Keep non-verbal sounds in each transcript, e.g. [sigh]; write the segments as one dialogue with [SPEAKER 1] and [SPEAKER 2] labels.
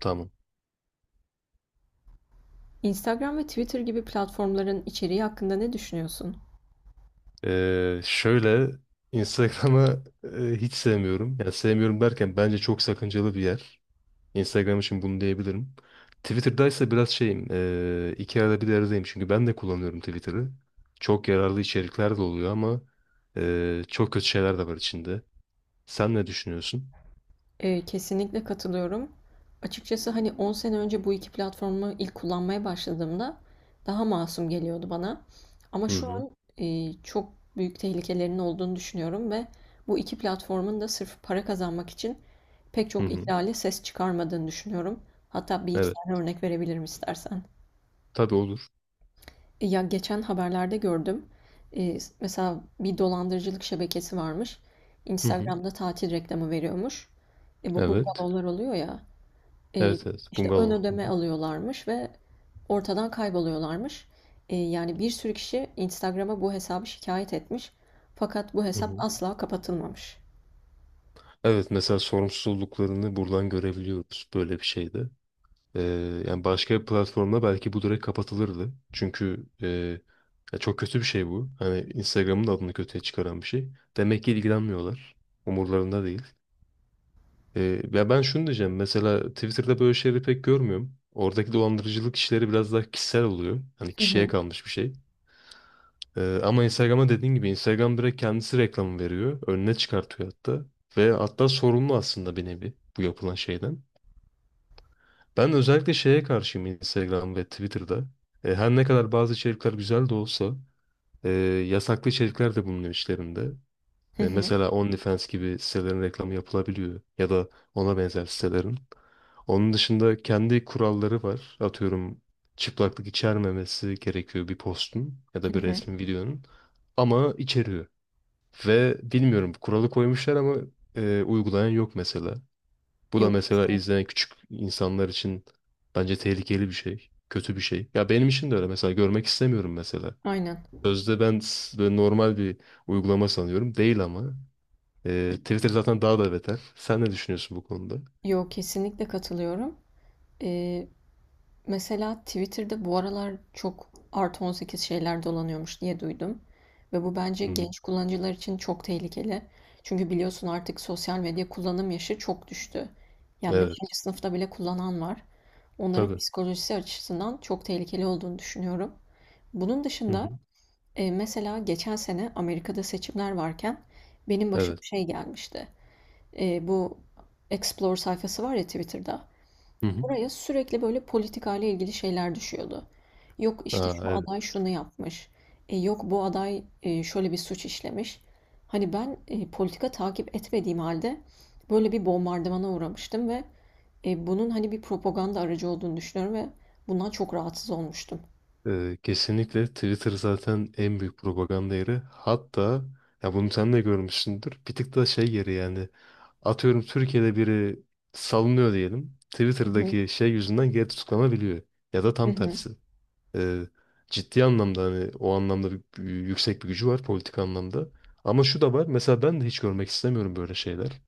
[SPEAKER 1] Tamam.
[SPEAKER 2] Instagram ve Twitter gibi platformların içeriği hakkında ne düşünüyorsun?
[SPEAKER 1] Şöyle Instagram'ı hiç sevmiyorum. Yani sevmiyorum derken bence çok sakıncalı bir yer. Instagram için bunu diyebilirim. Twitter'da ise biraz şeyim. İki arada bir aradayım. Çünkü ben de kullanıyorum Twitter'ı. Çok yararlı içerikler de oluyor ama çok kötü şeyler de var içinde. Sen ne düşünüyorsun?
[SPEAKER 2] Kesinlikle katılıyorum. Açıkçası hani 10 sene önce bu iki platformu ilk kullanmaya başladığımda daha masum geliyordu bana. Ama
[SPEAKER 1] Hı
[SPEAKER 2] şu
[SPEAKER 1] hı.
[SPEAKER 2] an çok büyük tehlikelerinin olduğunu düşünüyorum ve bu iki platformun da sırf para kazanmak için pek
[SPEAKER 1] Hı
[SPEAKER 2] çok
[SPEAKER 1] hı.
[SPEAKER 2] ihlale ses çıkarmadığını düşünüyorum. Hatta bir iki tane
[SPEAKER 1] Evet.
[SPEAKER 2] örnek verebilirim istersen.
[SPEAKER 1] Tabii olur.
[SPEAKER 2] Ya geçen haberlerde gördüm. Mesela bir dolandırıcılık şebekesi varmış.
[SPEAKER 1] Hı hı.
[SPEAKER 2] Instagram'da tatil reklamı veriyormuş. Bu
[SPEAKER 1] Evet.
[SPEAKER 2] oluyor ya. E,
[SPEAKER 1] Evet evet.
[SPEAKER 2] işte ön
[SPEAKER 1] Bungalov. Hı hı.
[SPEAKER 2] ödeme alıyorlarmış ve ortadan kayboluyorlarmış. Yani bir sürü kişi Instagram'a bu hesabı şikayet etmiş. Fakat bu
[SPEAKER 1] Hı
[SPEAKER 2] hesap
[SPEAKER 1] hı.
[SPEAKER 2] asla kapatılmamış.
[SPEAKER 1] Evet, mesela sorumsuzluklarını buradan görebiliyoruz böyle bir şeyde. Yani başka bir platformda belki bu direkt kapatılırdı. Çünkü ya çok kötü bir şey bu. Hani Instagram'ın da adını kötüye çıkaran bir şey. Demek ki ilgilenmiyorlar. Umurlarında değil. Ya ben şunu diyeceğim. Mesela Twitter'da böyle şeyleri pek görmüyorum. Oradaki dolandırıcılık işleri biraz daha kişisel oluyor. Hani
[SPEAKER 2] Hı
[SPEAKER 1] kişiye
[SPEAKER 2] hı.
[SPEAKER 1] kalmış bir şey. Ama Instagram'a dediğin gibi Instagram direkt kendisi reklamı veriyor. Önüne çıkartıyor hatta. Ve hatta sorumlu aslında bir nevi bu yapılan şeyden. Ben özellikle şeye karşıyım Instagram ve Twitter'da. Her ne kadar bazı içerikler güzel de olsa e, yasaklı içerikler de bulunuyor içlerinde.
[SPEAKER 2] Hı hı.
[SPEAKER 1] Mesela OnlyFans gibi sitelerin reklamı yapılabiliyor ya da ona benzer sitelerin. Onun dışında kendi kuralları var. Atıyorum, çıplaklık içermemesi gerekiyor bir postun ya da
[SPEAKER 2] Hı
[SPEAKER 1] bir
[SPEAKER 2] hı.
[SPEAKER 1] resmin, videonun, ama içeriyor. Ve bilmiyorum, kuralı koymuşlar ama uygulayan yok mesela. Bu da
[SPEAKER 2] Yok
[SPEAKER 1] mesela
[SPEAKER 2] kesinlikle.
[SPEAKER 1] izleyen küçük insanlar için bence tehlikeli bir şey. Kötü bir şey. Ya benim için de öyle. Mesela görmek istemiyorum mesela.
[SPEAKER 2] Aynen.
[SPEAKER 1] Sözde ben böyle normal bir uygulama sanıyorum. Değil ama. Twitter zaten daha da beter. Sen ne düşünüyorsun bu konuda?
[SPEAKER 2] Yok kesinlikle katılıyorum. Ee, Mesela Twitter'da bu aralar çok artı 18 şeyler dolanıyormuş diye duydum. Ve bu bence
[SPEAKER 1] Hı hı.
[SPEAKER 2] genç kullanıcılar için çok tehlikeli. Çünkü biliyorsun artık sosyal medya kullanım yaşı çok düştü. Yani
[SPEAKER 1] Evet.
[SPEAKER 2] beşinci sınıfta bile kullanan var. Onların
[SPEAKER 1] Tabii.
[SPEAKER 2] psikolojisi açısından çok tehlikeli olduğunu düşünüyorum. Bunun
[SPEAKER 1] Hı
[SPEAKER 2] dışında
[SPEAKER 1] hı.
[SPEAKER 2] mesela geçen sene Amerika'da seçimler varken benim başıma
[SPEAKER 1] Evet.
[SPEAKER 2] şey gelmişti. Bu Explore sayfası var ya Twitter'da.
[SPEAKER 1] Hı hı.
[SPEAKER 2] Oraya sürekli böyle politikayla ilgili şeyler düşüyordu. Yok işte
[SPEAKER 1] Aa,
[SPEAKER 2] şu
[SPEAKER 1] evet.
[SPEAKER 2] aday şunu yapmış. Yok bu aday şöyle bir suç işlemiş. Hani ben politika takip etmediğim halde böyle bir bombardımana uğramıştım ve bunun hani bir propaganda aracı olduğunu düşünüyorum ve bundan çok rahatsız olmuştum.
[SPEAKER 1] Kesinlikle Twitter zaten en büyük propaganda yeri. Hatta, ya, bunu sen de görmüşsündür. Bir tık da şey yeri yani. Atıyorum, Türkiye'de biri salınıyor diyelim.
[SPEAKER 2] Hı hı,
[SPEAKER 1] Twitter'daki şey yüzünden geri tutuklanabiliyor. Ya da
[SPEAKER 2] hı
[SPEAKER 1] tam
[SPEAKER 2] hı.
[SPEAKER 1] tersi. Ee, Ciddi anlamda, hani, o anlamda yüksek bir gücü var politik anlamda. Ama şu da var. Mesela ben de hiç görmek istemiyorum böyle şeyler.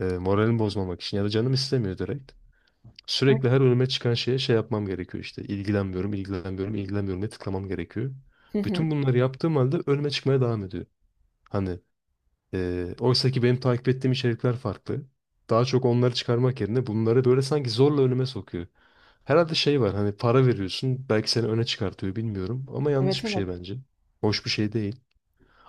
[SPEAKER 1] Moralimi bozmamak için ya da canım istemiyor direkt. Sürekli her önüme çıkan şeye şey yapmam gerekiyor işte. İlgilenmiyorum, ilgilenmiyorum, ilgilenmiyorum diye tıklamam gerekiyor.
[SPEAKER 2] Hı hı.
[SPEAKER 1] Bütün bunları yaptığım halde önüme çıkmaya devam ediyor. Hani oysa ki benim takip ettiğim içerikler farklı. Daha çok onları çıkarmak yerine bunları böyle sanki zorla önüme sokuyor. Herhalde şey var, hani, para veriyorsun belki seni öne çıkartıyor, bilmiyorum, ama
[SPEAKER 2] Evet
[SPEAKER 1] yanlış bir
[SPEAKER 2] evet.
[SPEAKER 1] şey bence. Hoş bir şey değil.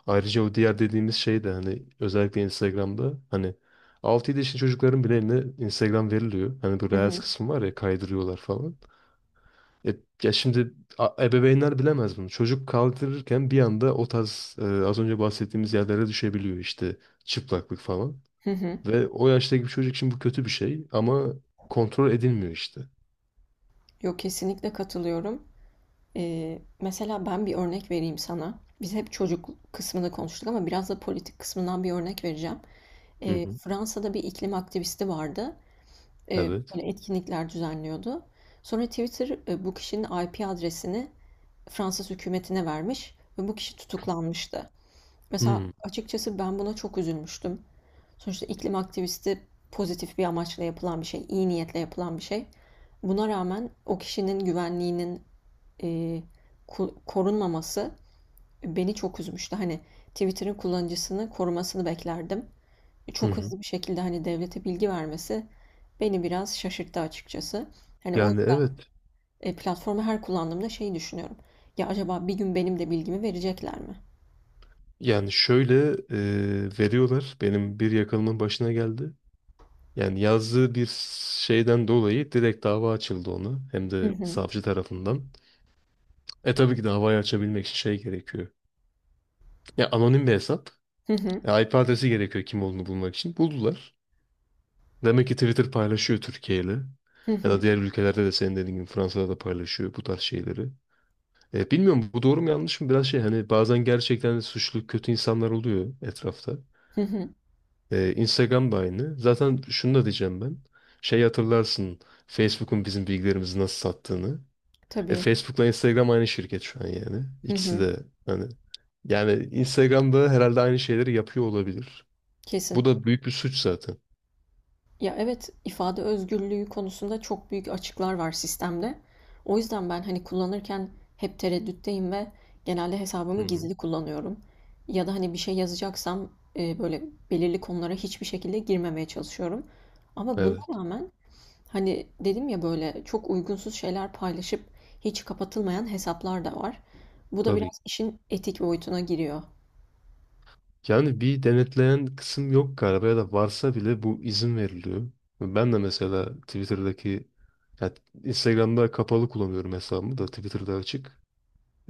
[SPEAKER 1] Ayrıca o diğer dediğimiz şey de hani özellikle Instagram'da, hani, altı 7 yaşındaki çocukların bile eline Instagram veriliyor. Hani bu
[SPEAKER 2] Hı
[SPEAKER 1] Reels
[SPEAKER 2] hı,
[SPEAKER 1] kısmı var ya, kaydırıyorlar falan. Ya, ya şimdi ebeveynler bilemez bunu. Çocuk kaldırırken bir anda o tarz, az önce bahsettiğimiz yerlere düşebiliyor işte, çıplaklık falan.
[SPEAKER 2] hı hı.
[SPEAKER 1] Ve o yaştaki bir çocuk için bu kötü bir şey ama kontrol edilmiyor işte.
[SPEAKER 2] Yok kesinlikle katılıyorum. Mesela ben bir örnek vereyim sana. Biz hep çocuk kısmını konuştuk ama biraz da politik kısmından bir örnek vereceğim.
[SPEAKER 1] Hı hı.
[SPEAKER 2] Fransa'da bir iklim aktivisti vardı.
[SPEAKER 1] Evet.
[SPEAKER 2] Böyle etkinlikler düzenliyordu. Sonra Twitter bu kişinin IP adresini Fransız hükümetine vermiş ve bu kişi tutuklanmıştı. Mesela
[SPEAKER 1] Hı
[SPEAKER 2] açıkçası ben buna çok üzülmüştüm. Sonuçta iklim aktivisti pozitif bir amaçla yapılan bir şey, iyi niyetle yapılan bir şey. Buna rağmen o kişinin güvenliğinin eee, korunmaması beni çok üzmüştü. Hani Twitter'ın kullanıcısını korumasını beklerdim.
[SPEAKER 1] hı.
[SPEAKER 2] Çok
[SPEAKER 1] Hı.
[SPEAKER 2] hızlı bir şekilde hani devlete bilgi vermesi beni biraz şaşırttı açıkçası. Hani o
[SPEAKER 1] Yani
[SPEAKER 2] yüzden
[SPEAKER 1] evet.
[SPEAKER 2] platformu her kullandığımda şey düşünüyorum. Ya acaba bir gün benim de bilgimi verecekler mi?
[SPEAKER 1] Yani şöyle, veriyorlar. Benim bir yakınımın başına geldi. Yani yazdığı bir şeyden dolayı direkt dava açıldı ona. Hem
[SPEAKER 2] Hı
[SPEAKER 1] de
[SPEAKER 2] hı.
[SPEAKER 1] savcı tarafından. Tabii ki davayı açabilmek için şey gerekiyor. Ya anonim bir hesap.
[SPEAKER 2] Hı hı.
[SPEAKER 1] Ya IP adresi gerekiyor kim olduğunu bulmak için. Buldular. Demek ki Twitter paylaşıyor Türkiye ile.
[SPEAKER 2] Hı
[SPEAKER 1] Ya
[SPEAKER 2] hı.
[SPEAKER 1] da diğer ülkelerde de senin dediğin gibi Fransa'da da paylaşıyor bu tarz şeyleri. Bilmiyorum bu doğru mu yanlış mı, biraz şey, hani bazen gerçekten de suçlu kötü insanlar oluyor etrafta.
[SPEAKER 2] Hı hı.
[SPEAKER 1] Instagram da aynı. Zaten şunu da diyeceğim ben. Şey, hatırlarsın Facebook'un bizim bilgilerimizi nasıl sattığını.
[SPEAKER 2] Tabii.
[SPEAKER 1] Facebook'la Instagram aynı şirket şu an yani.
[SPEAKER 2] Hı
[SPEAKER 1] İkisi
[SPEAKER 2] hı.
[SPEAKER 1] de, hani, yani Instagram'da herhalde aynı şeyleri yapıyor olabilir.
[SPEAKER 2] Kesin.
[SPEAKER 1] Bu da büyük bir suç zaten.
[SPEAKER 2] Ya evet, ifade özgürlüğü konusunda çok büyük açıklar var sistemde. O yüzden ben hani kullanırken hep tereddütteyim ve genelde
[SPEAKER 1] Hı
[SPEAKER 2] hesabımı
[SPEAKER 1] hı.
[SPEAKER 2] gizli kullanıyorum. Ya da hani bir şey yazacaksam böyle belirli konulara hiçbir şekilde girmemeye çalışıyorum. Ama buna
[SPEAKER 1] Evet,
[SPEAKER 2] rağmen hani dedim ya böyle çok uygunsuz şeyler paylaşıp hiç kapatılmayan hesaplar da var. Bu da
[SPEAKER 1] tabii.
[SPEAKER 2] biraz işin etik boyutuna giriyor.
[SPEAKER 1] Yani bir denetleyen kısım yok galiba ya da varsa bile bu izin veriliyor. Ben de mesela Twitter'daki, ya, Instagram'da kapalı kullanıyorum hesabımı da Twitter'da açık.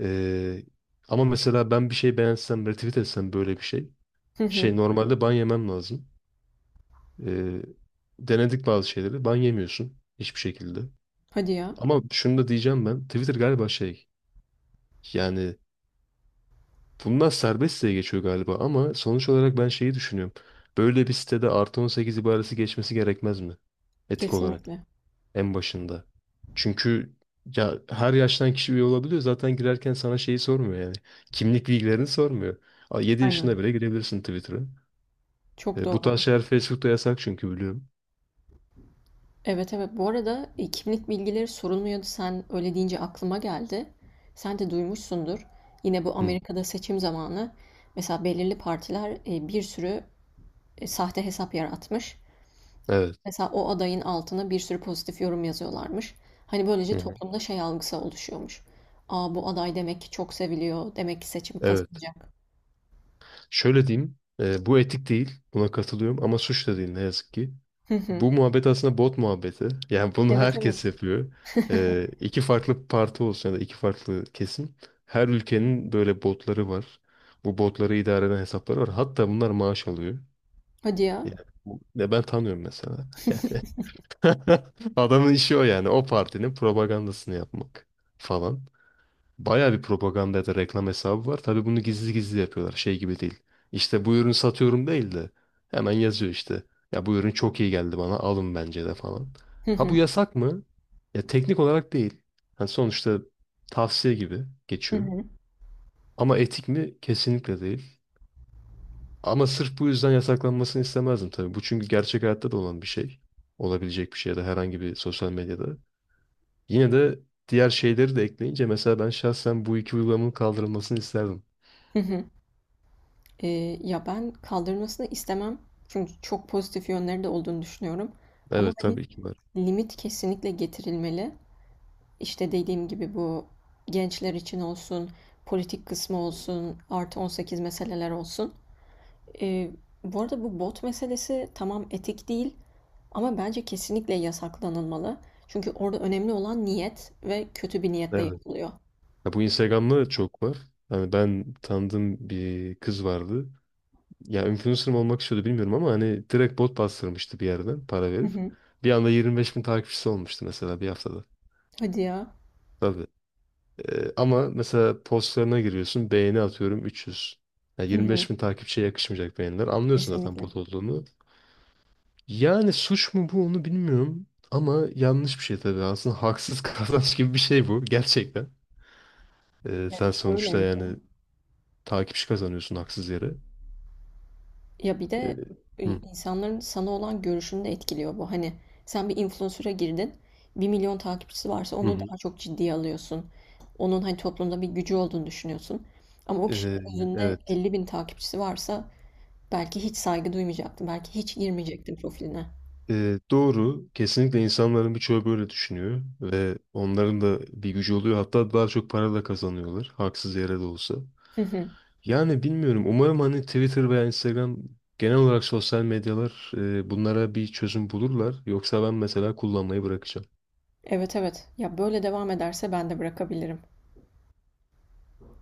[SPEAKER 1] Ee, Ama mesela ben bir şey beğensem, retweet etsem böyle bir şey.
[SPEAKER 2] Hı hı.
[SPEAKER 1] Şey, normalde ban yemem lazım. Ee, Denedik bazı şeyleri. Ban yemiyorsun hiçbir şekilde.
[SPEAKER 2] Hadi ya.
[SPEAKER 1] Ama şunu da diyeceğim ben. Twitter galiba şey yani, bunlar serbest diye geçiyor galiba ama sonuç olarak ben şeyi düşünüyorum. Böyle bir sitede artı 18 ibaresi geçmesi gerekmez mi? Etik olarak
[SPEAKER 2] Kesinlikle.
[SPEAKER 1] en başında. Çünkü ya her yaştan kişi üye olabiliyor. Zaten girerken sana şeyi sormuyor yani. Kimlik bilgilerini sormuyor. A, yedi
[SPEAKER 2] Aynen.
[SPEAKER 1] yaşında bile girebilirsin Twitter'a.
[SPEAKER 2] Çok
[SPEAKER 1] Bu
[SPEAKER 2] doğru.
[SPEAKER 1] tarz şeyler Facebook'ta yasak çünkü biliyorum.
[SPEAKER 2] Evet, evet. Bu arada, kimlik bilgileri sorulmuyordu. Sen öyle deyince aklıma geldi. Sen de duymuşsundur. Yine bu
[SPEAKER 1] Hı,
[SPEAKER 2] Amerika'da seçim zamanı mesela belirli partiler, bir sürü, sahte hesap yaratmış.
[SPEAKER 1] evet.
[SPEAKER 2] Mesela o adayın altına bir sürü pozitif yorum yazıyorlarmış. Hani, böylece
[SPEAKER 1] Hı hı.
[SPEAKER 2] toplumda şey algısı oluşuyormuş. Aa bu aday demek ki çok seviliyor. Demek ki seçimi
[SPEAKER 1] Evet.
[SPEAKER 2] kazanacak.
[SPEAKER 1] Şöyle diyeyim, bu etik değil, buna katılıyorum ama suç da değil ne yazık ki.
[SPEAKER 2] Hı hı.
[SPEAKER 1] Bu muhabbet aslında bot muhabbeti. [laughs] Yani bunu
[SPEAKER 2] Evet,
[SPEAKER 1] herkes
[SPEAKER 2] evet.
[SPEAKER 1] yapıyor. İki farklı parti olsun ya da iki farklı kesim. Her ülkenin böyle botları var. Bu botları idare eden hesapları var. Hatta bunlar maaş alıyor.
[SPEAKER 2] Hadi ya.
[SPEAKER 1] Yani, ya ben tanıyorum mesela. [laughs] Yani [laughs] adamın işi o yani. O partinin propagandasını yapmak falan. Bayağı bir propaganda ya da reklam hesabı var. Tabii bunu gizli gizli yapıyorlar. Şey gibi değil. İşte bu ürünü satıyorum değil de hemen yazıyor işte. Ya, bu ürün çok iyi geldi bana, alın bence de, falan.
[SPEAKER 2] Hı
[SPEAKER 1] Ha, bu
[SPEAKER 2] hı.
[SPEAKER 1] yasak mı? Ya teknik olarak değil. Yani sonuçta tavsiye gibi
[SPEAKER 2] Hı
[SPEAKER 1] geçiyor.
[SPEAKER 2] hı.
[SPEAKER 1] Ama etik mi? Kesinlikle değil. Ama sırf bu yüzden yasaklanmasını istemezdim tabii. Bu çünkü gerçek hayatta da olan bir şey. Olabilecek bir şey ya da herhangi bir sosyal medyada. Yine de diğer şeyleri de ekleyince mesela ben şahsen bu iki uygulamanın kaldırılmasını isterdim.
[SPEAKER 2] Hı hı. Ya, ben kaldırmasını istemem. Çünkü çok pozitif yönleri de olduğunu düşünüyorum. Ama,
[SPEAKER 1] Evet
[SPEAKER 2] hani,
[SPEAKER 1] tabii ki var.
[SPEAKER 2] limit kesinlikle getirilmeli. İşte, dediğim gibi bu gençler için olsun, politik kısmı olsun, artı 18 meseleler olsun. Eee, Bu arada bu bot meselesi tamam etik değil ama bence kesinlikle yasaklanılmalı. Çünkü orada önemli olan niyet ve kötü bir niyetle
[SPEAKER 1] Evet.
[SPEAKER 2] yapılıyor.
[SPEAKER 1] Ya bu Instagram'da da çok var. Hani ben tanıdığım bir kız vardı. Ya influencer mı olmak istiyordu bilmiyorum ama hani direkt bot bastırmıştı bir yerden para
[SPEAKER 2] Hı
[SPEAKER 1] verip.
[SPEAKER 2] hı.
[SPEAKER 1] Bir anda 25.000 takipçisi olmuştu mesela bir haftada.
[SPEAKER 2] Hadi ya.
[SPEAKER 1] Tabii. Ama mesela postlarına giriyorsun, beğeni atıyorum 300.
[SPEAKER 2] Hı
[SPEAKER 1] Yirmi
[SPEAKER 2] hı.
[SPEAKER 1] beş bin takipçiye yakışmayacak beğeniler. Anlıyorsun zaten
[SPEAKER 2] Kesinlikle.
[SPEAKER 1] bot olduğunu. Yani suç mu bu, onu bilmiyorum. Ama yanlış bir şey tabii. Aslında haksız [laughs] kazanç gibi bir şey bu gerçekten.
[SPEAKER 2] Ya,
[SPEAKER 1] Sen sonuçta
[SPEAKER 2] öyleydi.
[SPEAKER 1] yani... Takipçi kazanıyorsun haksız yere.
[SPEAKER 2] Ya bir
[SPEAKER 1] Ee,
[SPEAKER 2] de
[SPEAKER 1] hı,
[SPEAKER 2] insanların sana olan görüşünü de etkiliyor bu. Hani sen bir influencer'a girdin, 1.000.000 takipçisi varsa
[SPEAKER 1] hı
[SPEAKER 2] onu
[SPEAKER 1] hı.
[SPEAKER 2] daha çok ciddiye alıyorsun. Onun hani toplumda bir gücü olduğunu düşünüyorsun. Ama o kişinin
[SPEAKER 1] Ee,
[SPEAKER 2] özünde
[SPEAKER 1] evet.
[SPEAKER 2] 50.000 takipçisi varsa belki hiç saygı duymayacaktım. Belki hiç girmeyecektim profiline.
[SPEAKER 1] Doğru. Kesinlikle insanların birçoğu böyle düşünüyor ve onların da bir gücü oluyor. Hatta daha çok para da kazanıyorlar. Haksız yere de olsa.
[SPEAKER 2] Hı hı.
[SPEAKER 1] Yani bilmiyorum. Umarım hani Twitter veya Instagram, genel olarak sosyal medyalar, bunlara bir çözüm bulurlar. Yoksa ben mesela kullanmayı bırakacağım.
[SPEAKER 2] Evet evet. Ya böyle devam ederse ben de bırakabilirim.